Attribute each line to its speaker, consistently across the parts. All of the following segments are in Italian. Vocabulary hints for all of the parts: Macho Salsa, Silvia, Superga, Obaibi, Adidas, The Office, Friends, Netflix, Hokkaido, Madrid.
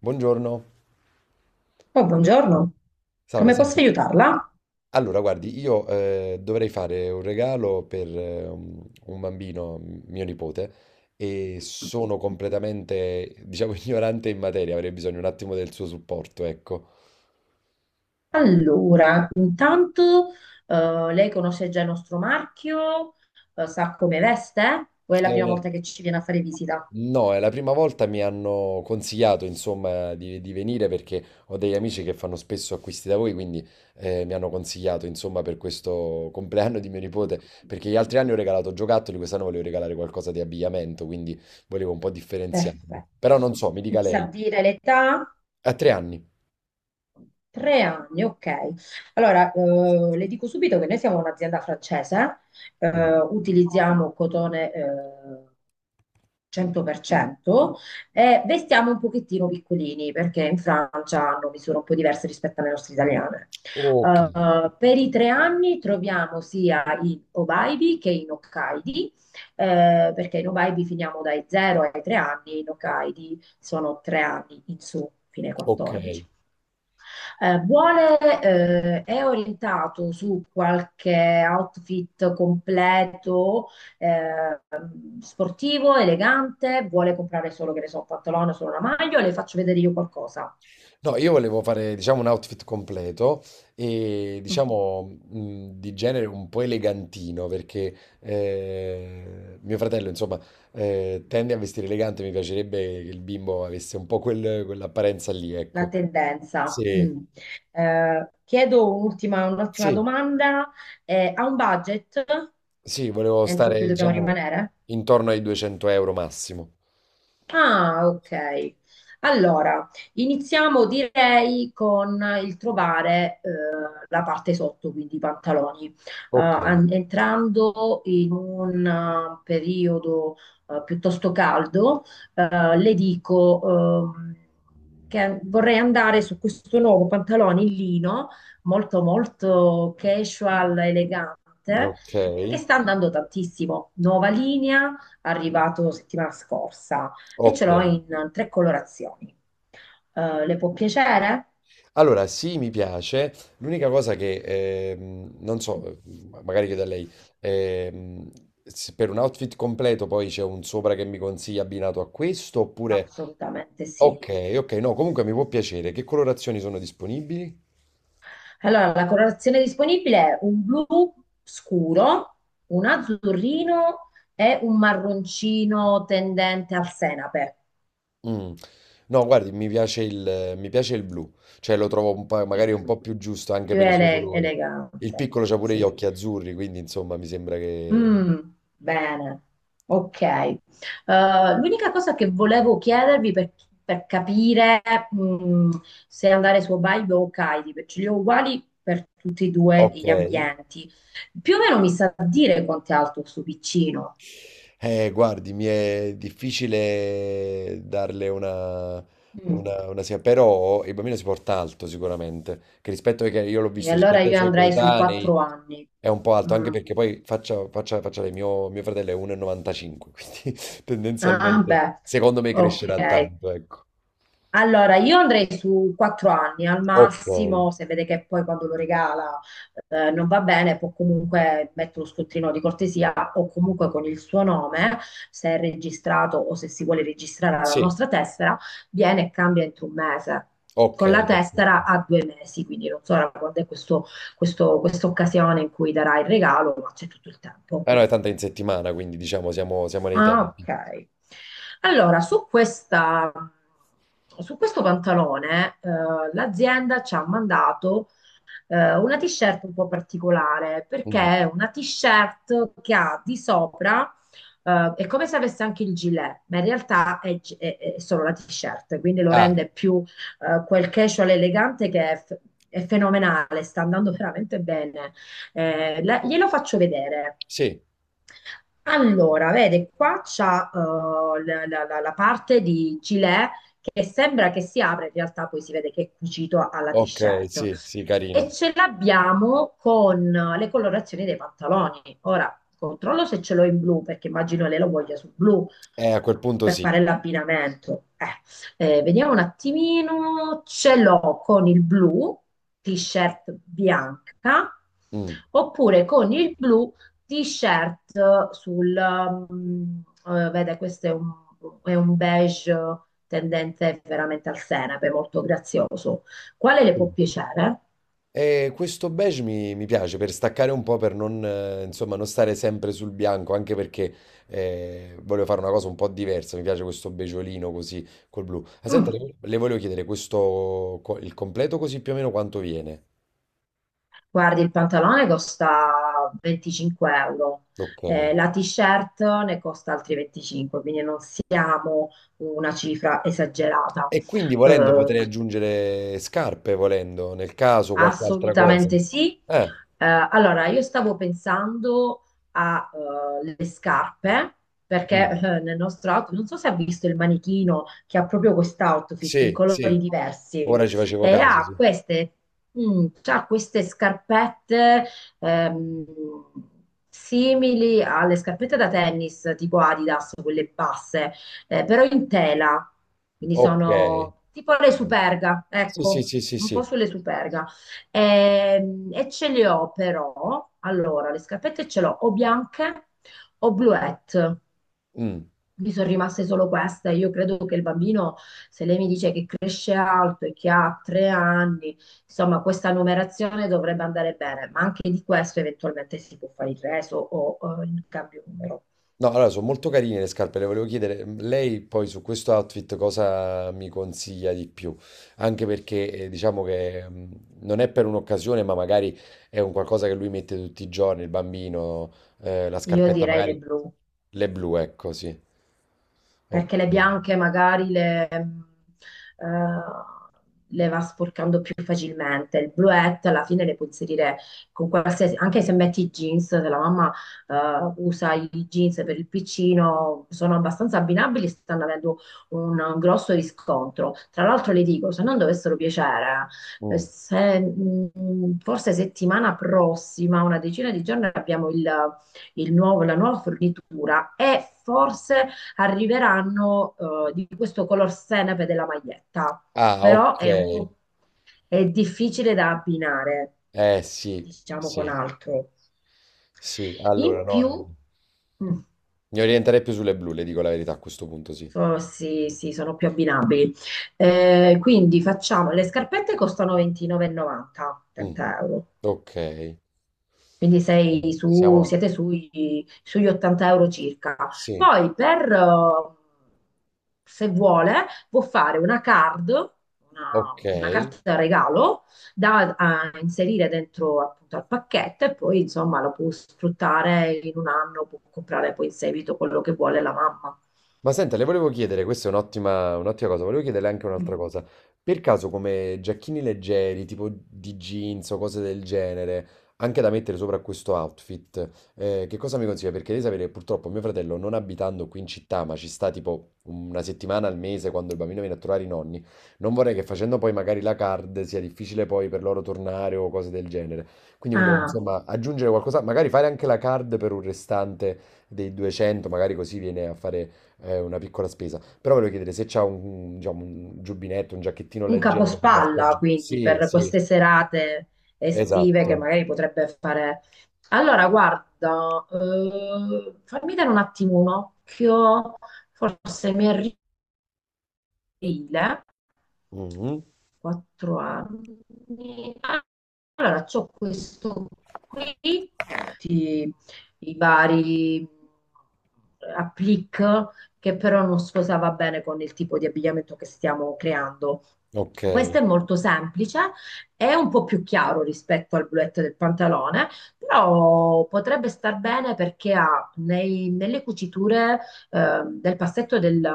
Speaker 1: Buongiorno,
Speaker 2: Oh, buongiorno,
Speaker 1: salve,
Speaker 2: come posso
Speaker 1: senta.
Speaker 2: aiutarla?
Speaker 1: Allora, guardi, io dovrei fare un regalo per un bambino, mio nipote, e sono completamente, diciamo, ignorante in materia, avrei bisogno un attimo del suo supporto, ecco.
Speaker 2: Allora, intanto lei conosce già il nostro marchio. Sa come veste? O è la prima
Speaker 1: Eh,
Speaker 2: volta che ci viene a fare visita?
Speaker 1: No, è la prima volta mi hanno consigliato, insomma, di venire perché ho degli amici che fanno spesso acquisti da voi, quindi mi hanno consigliato, insomma, per questo compleanno di mio nipote, perché gli altri anni ho regalato giocattoli, quest'anno volevo regalare qualcosa di abbigliamento, quindi volevo un po' differenziarmi. Però
Speaker 2: Perfetto.
Speaker 1: non so, mi dica
Speaker 2: Mi sa
Speaker 1: lei.
Speaker 2: dire l'età?
Speaker 1: A tre anni.
Speaker 2: 3 anni, ok. Allora, le dico subito che noi siamo un'azienda francese,
Speaker 1: Mm.
Speaker 2: utilizziamo cotone, 100% e vestiamo un pochettino piccolini perché in Francia hanno misure un po' diverse rispetto alle nostre italiane.
Speaker 1: Ok,
Speaker 2: Per i 3 anni troviamo sia in Obaibi che in Hokkaidi, perché in Obaibi finiamo dai 0 ai 3 anni, in Hokkaidi sono 3 anni in su, fino ai
Speaker 1: ok.
Speaker 2: 14. È orientato su qualche outfit completo, eh, sportivo, elegante, vuole comprare solo, che ne so, un pantalone, solo una maglia, o le faccio vedere io qualcosa?
Speaker 1: No, io volevo fare, diciamo, un outfit completo e,
Speaker 2: Mm.
Speaker 1: diciamo, di genere un po' elegantino, perché mio fratello, insomma, tende a vestire elegante, mi piacerebbe che il bimbo avesse un po' quell'apparenza lì,
Speaker 2: La
Speaker 1: ecco.
Speaker 2: tendenza.
Speaker 1: Sì,
Speaker 2: Mm. Chiedo un'ultima
Speaker 1: sì,
Speaker 2: domanda. Ha un budget
Speaker 1: sì, volevo
Speaker 2: entro cui
Speaker 1: stare,
Speaker 2: dobbiamo
Speaker 1: diciamo,
Speaker 2: rimanere?
Speaker 1: intorno ai 200 euro massimo.
Speaker 2: Ah, ok. Allora, iniziamo direi con il trovare la parte sotto, quindi i pantaloni.
Speaker 1: Ok,
Speaker 2: Entrando in un periodo piuttosto caldo, le dico che vorrei andare su questo nuovo pantalone in lino, molto molto casual, elegante,
Speaker 1: ok,
Speaker 2: che sta andando tantissimo. Nuova linea, arrivato settimana scorsa e ce
Speaker 1: ok.
Speaker 2: l'ho in tre colorazioni. Le può piacere?
Speaker 1: Allora, sì, mi piace. L'unica cosa che non so, magari chiedo a lei, ehm, se per un outfit completo poi c'è un sopra che mi consiglia abbinato a questo oppure...
Speaker 2: Assolutamente sì.
Speaker 1: Ok, ok, no, comunque mi può piacere. Che colorazioni sono disponibili?
Speaker 2: Allora, la colorazione disponibile è un blu scuro, un azzurrino e un marroncino tendente al senape.
Speaker 1: Mm. No, guardi, mi piace il blu, cioè lo trovo
Speaker 2: Il
Speaker 1: magari un
Speaker 2: blu,
Speaker 1: po' più giusto anche
Speaker 2: più
Speaker 1: per i suoi colori. Il
Speaker 2: elegante.
Speaker 1: piccolo c'ha pure gli
Speaker 2: Sì.
Speaker 1: occhi azzurri, quindi insomma mi sembra che...
Speaker 2: Mm, bene, ok. L'unica cosa che volevo chiedervi per capire mm, se andare su Hokkaido o Hokkaido, perché li ho uguali per tutti e due
Speaker 1: Ok.
Speaker 2: gli ambienti, più o meno mi sa dire quanto è alto sto piccino.
Speaker 1: Guardi, mi è difficile darle una,
Speaker 2: Mm,
Speaker 1: una, una sia- però il bambino si porta alto sicuramente, che rispetto ai che io l'ho
Speaker 2: E
Speaker 1: visto,
Speaker 2: allora
Speaker 1: rispetto ai
Speaker 2: io
Speaker 1: suoi
Speaker 2: andrei sui
Speaker 1: coetanei
Speaker 2: 4 anni.
Speaker 1: è un po' alto, anche
Speaker 2: Mm.
Speaker 1: perché poi faccia lei, mio fratello è 1,95, quindi
Speaker 2: Ah,
Speaker 1: tendenzialmente
Speaker 2: beh,
Speaker 1: secondo me
Speaker 2: ok.
Speaker 1: crescerà tanto, ecco.
Speaker 2: Allora, io andrei su 4 anni al
Speaker 1: Ok,
Speaker 2: massimo, se vede che poi quando lo regala non va bene, può comunque mettere uno scontrino di cortesia o comunque con il suo nome, se è registrato o se si vuole registrare alla
Speaker 1: sì,
Speaker 2: nostra tessera, viene e cambia entro un mese.
Speaker 1: ok,
Speaker 2: Con la
Speaker 1: perfetto.
Speaker 2: tessera a 2 mesi, quindi non so ora quando è questa occasione in cui darà il regalo, ma c'è tutto il tempo.
Speaker 1: Ah no, è tanto in settimana, quindi diciamo siamo nei
Speaker 2: Ah,
Speaker 1: tempi.
Speaker 2: ok. Allora, su questo pantalone, l'azienda ci ha mandato una t-shirt un po' particolare, perché
Speaker 1: Mm.
Speaker 2: è una t-shirt che ha di sopra, è come se avesse anche il gilet, ma in realtà è solo la t-shirt, quindi lo
Speaker 1: Ah,
Speaker 2: rende più quel casual elegante che è fenomenale, sta andando veramente bene. Glielo faccio vedere.
Speaker 1: sì,
Speaker 2: Allora, vede, qua c'ha la parte di gilet che sembra che si apre, in realtà poi si vede che è cucito alla
Speaker 1: ok,
Speaker 2: t-shirt
Speaker 1: sì, sì, carino.
Speaker 2: e ce l'abbiamo con le colorazioni dei pantaloni. Ora controllo se ce l'ho in blu, perché immagino lei lo voglia sul blu
Speaker 1: A quel punto
Speaker 2: per
Speaker 1: sì.
Speaker 2: fare l'abbinamento. Vediamo un attimino, ce l'ho con il blu, t-shirt bianca,
Speaker 1: Mm.
Speaker 2: oppure con il blu, t-shirt vede, è un beige tendente veramente al senape, molto grazioso. Quale le
Speaker 1: Sì.
Speaker 2: può piacere?
Speaker 1: E questo beige mi piace per staccare un po', per non, insomma, non stare sempre sul bianco, anche perché voglio fare una cosa un po' diversa. Mi piace questo beggiolino così col blu. Ah, senta,
Speaker 2: Mm.
Speaker 1: le volevo chiedere questo, il completo così più o meno quanto viene.
Speaker 2: Guardi, il pantalone costa 25 euro,
Speaker 1: Ok.
Speaker 2: la t-shirt ne costa altri 25, quindi non siamo una cifra esagerata.
Speaker 1: E quindi volendo
Speaker 2: Eh,
Speaker 1: potrei aggiungere scarpe, volendo, nel caso qualche altra cosa.
Speaker 2: Assolutamente sì.
Speaker 1: Eh,
Speaker 2: Eh, allora, io stavo pensando alle scarpe, perché
Speaker 1: mm.
Speaker 2: nel nostro outfit, non so se ha visto il manichino che ha proprio quest'outfit in
Speaker 1: Sì, sì.
Speaker 2: colori diversi
Speaker 1: Ora ci facevo
Speaker 2: e
Speaker 1: caso, sì.
Speaker 2: c'ha queste scarpette ehm, simili alle scarpette da tennis, tipo Adidas, quelle basse, però in tela, quindi
Speaker 1: Ok.
Speaker 2: sono tipo le Superga,
Speaker 1: Sì, sì,
Speaker 2: ecco,
Speaker 1: sì, sì,
Speaker 2: un po'
Speaker 1: sì.
Speaker 2: sulle Superga. Ce le ho però, allora, le scarpette ce l'ho o bianche o bluette.
Speaker 1: Mm.
Speaker 2: Mi sono rimaste solo queste. Io credo che il bambino, se lei mi dice che cresce alto e che ha 3 anni, insomma, questa numerazione dovrebbe andare bene, ma anche di questo eventualmente si può fare il reso o il cambio numero.
Speaker 1: No, allora sono molto carine le scarpe, le volevo chiedere, mm, lei poi su questo outfit cosa mi consiglia di più? Anche perché diciamo che non è per un'occasione, ma magari è un qualcosa che lui mette tutti i giorni, il bambino, la
Speaker 2: Io
Speaker 1: scarpetta Esatto.
Speaker 2: direi le
Speaker 1: Magari,
Speaker 2: blu,
Speaker 1: le blu, ecco, sì. Ok.
Speaker 2: perché le bianche magari le va sporcando più facilmente. Il bluette alla fine le puoi inserire con qualsiasi, anche se metti i jeans, se la mamma usa i jeans per il piccino, sono abbastanza abbinabili, stanno avendo un grosso riscontro. Tra l'altro le dico, se non dovessero piacere,
Speaker 1: Mm.
Speaker 2: se, forse settimana prossima, una decina di giorni, abbiamo la nuova fornitura e forse arriveranno di questo color senape della maglietta,
Speaker 1: Ah,
Speaker 2: però
Speaker 1: ok.
Speaker 2: è un po' è difficile da abbinare,
Speaker 1: Eh sì,
Speaker 2: diciamo, con
Speaker 1: sì,
Speaker 2: altro.
Speaker 1: sì. Allora
Speaker 2: In
Speaker 1: no,
Speaker 2: più, mm,
Speaker 1: mi orienterei più sulle blu, le dico la verità a questo punto, sì.
Speaker 2: sì, sì, sono più abbinabili. Quindi facciamo, le scarpette costano 29,90,
Speaker 1: Mm.
Speaker 2: 30 euro.
Speaker 1: Ok.
Speaker 2: Quindi sei su-
Speaker 1: Siamo...
Speaker 2: siete sui- sugli 80 euro circa.
Speaker 1: Sì,
Speaker 2: Poi se vuole, può fare una card, una
Speaker 1: okay.
Speaker 2: carta regalo da a inserire dentro appunto al pacchetto e poi insomma lo può sfruttare in un anno, può comprare poi in seguito quello che vuole la mamma.
Speaker 1: Ma senta, le volevo chiedere, questa è un'ottima cosa, volevo chiederle anche
Speaker 2: Mm.
Speaker 1: un'altra cosa. Per caso come giacchini leggeri, tipo di jeans o cose del genere, anche da mettere sopra questo outfit, che cosa mi consiglia? Perché devi sapere, che purtroppo mio fratello, non abitando qui in città, ma ci sta tipo una settimana al mese quando il bambino viene a trovare i nonni, non vorrei che facendo poi magari la card sia difficile poi per loro tornare o cose del genere. Quindi volevo
Speaker 2: Ah,
Speaker 1: insomma aggiungere qualcosa, magari fare anche la card per un restante dei 200, magari così viene a fare è una piccola spesa. Però volevo chiedere se c'ha un, diciamo, un giubbinetto, un giacchettino
Speaker 2: un
Speaker 1: leggero per la
Speaker 2: capospalla,
Speaker 1: stagione.
Speaker 2: quindi,
Speaker 1: Sì,
Speaker 2: per
Speaker 1: sì,
Speaker 2: queste serate estive che
Speaker 1: esatto.
Speaker 2: magari potrebbe fare. Allora, guarda, fammi dare un attimo un occhio, forse mi aprile,
Speaker 1: Mhm.
Speaker 2: 4 anni. Allora c'ho questo qui, tutti i vari applique che però non sposava bene con il tipo di abbigliamento che stiamo creando.
Speaker 1: Ok.
Speaker 2: Questo è molto semplice, è un po' più chiaro rispetto al bluette del pantalone, però potrebbe star bene perché ha nelle cuciture del passetto del,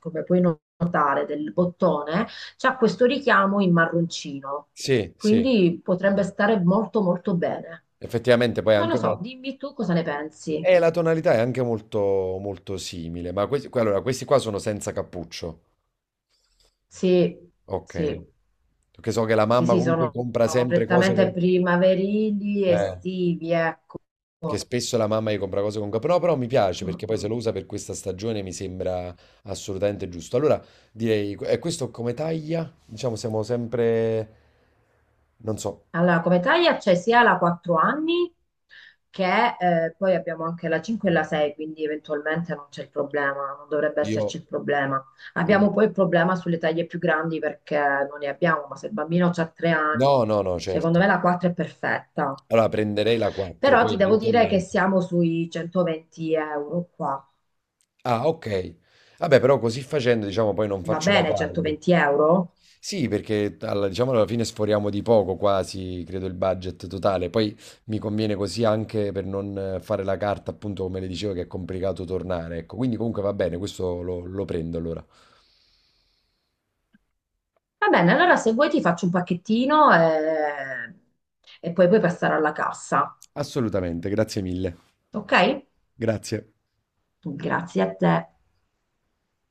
Speaker 2: come puoi notare, del bottone, c'ha questo richiamo in marroncino,
Speaker 1: Sì, sì.
Speaker 2: quindi potrebbe stare molto molto bene.
Speaker 1: Effettivamente poi è
Speaker 2: Non lo
Speaker 1: anche una...
Speaker 2: so, dimmi tu cosa ne pensi.
Speaker 1: E la tonalità è anche molto, molto simile. Ma questi, allora, questi qua sono senza cappuccio.
Speaker 2: Sì,
Speaker 1: Ok.
Speaker 2: sì,
Speaker 1: Perché so che la
Speaker 2: sì,
Speaker 1: mamma
Speaker 2: sì,
Speaker 1: comunque compra
Speaker 2: sono
Speaker 1: sempre cose
Speaker 2: prettamente
Speaker 1: con...
Speaker 2: primaverili,
Speaker 1: Eh.
Speaker 2: estivi, ecco.
Speaker 1: Che spesso la mamma gli compra cose con capo. No, però mi piace perché
Speaker 2: Mm,
Speaker 1: poi se lo
Speaker 2: mm.
Speaker 1: usa per questa stagione mi sembra assolutamente giusto. Allora direi, e questo come taglia? Diciamo siamo sempre, non so.
Speaker 2: Allora, come taglia c'è sia la 4 anni che poi abbiamo anche la 5 e la 6, quindi eventualmente non c'è il problema, non dovrebbe
Speaker 1: io...
Speaker 2: esserci il problema.
Speaker 1: io-
Speaker 2: Abbiamo poi il problema sulle taglie più grandi perché non ne abbiamo, ma se il bambino ha 3
Speaker 1: No,
Speaker 2: anni,
Speaker 1: no, no, certo.
Speaker 2: secondo me la 4 è perfetta.
Speaker 1: Allora prenderei la 4,
Speaker 2: Però
Speaker 1: poi
Speaker 2: ti devo dire che
Speaker 1: eventualmente...
Speaker 2: siamo sui 120 euro qua.
Speaker 1: Ah, ok. Vabbè, però così facendo, diciamo, poi non
Speaker 2: Va
Speaker 1: faccio la
Speaker 2: bene,
Speaker 1: card.
Speaker 2: 120 euro?
Speaker 1: Sì, perché alla, diciamo alla fine sforiamo di poco quasi, credo, il budget totale. Poi mi conviene così anche per non fare la carta, appunto, come le dicevo, che è complicato tornare. Ecco, quindi comunque va bene, questo lo prendo allora.
Speaker 2: Va bene, allora se vuoi ti faccio un pacchettino e poi puoi passare alla cassa,
Speaker 1: Assolutamente, grazie mille.
Speaker 2: ok?
Speaker 1: Grazie.
Speaker 2: Grazie a te.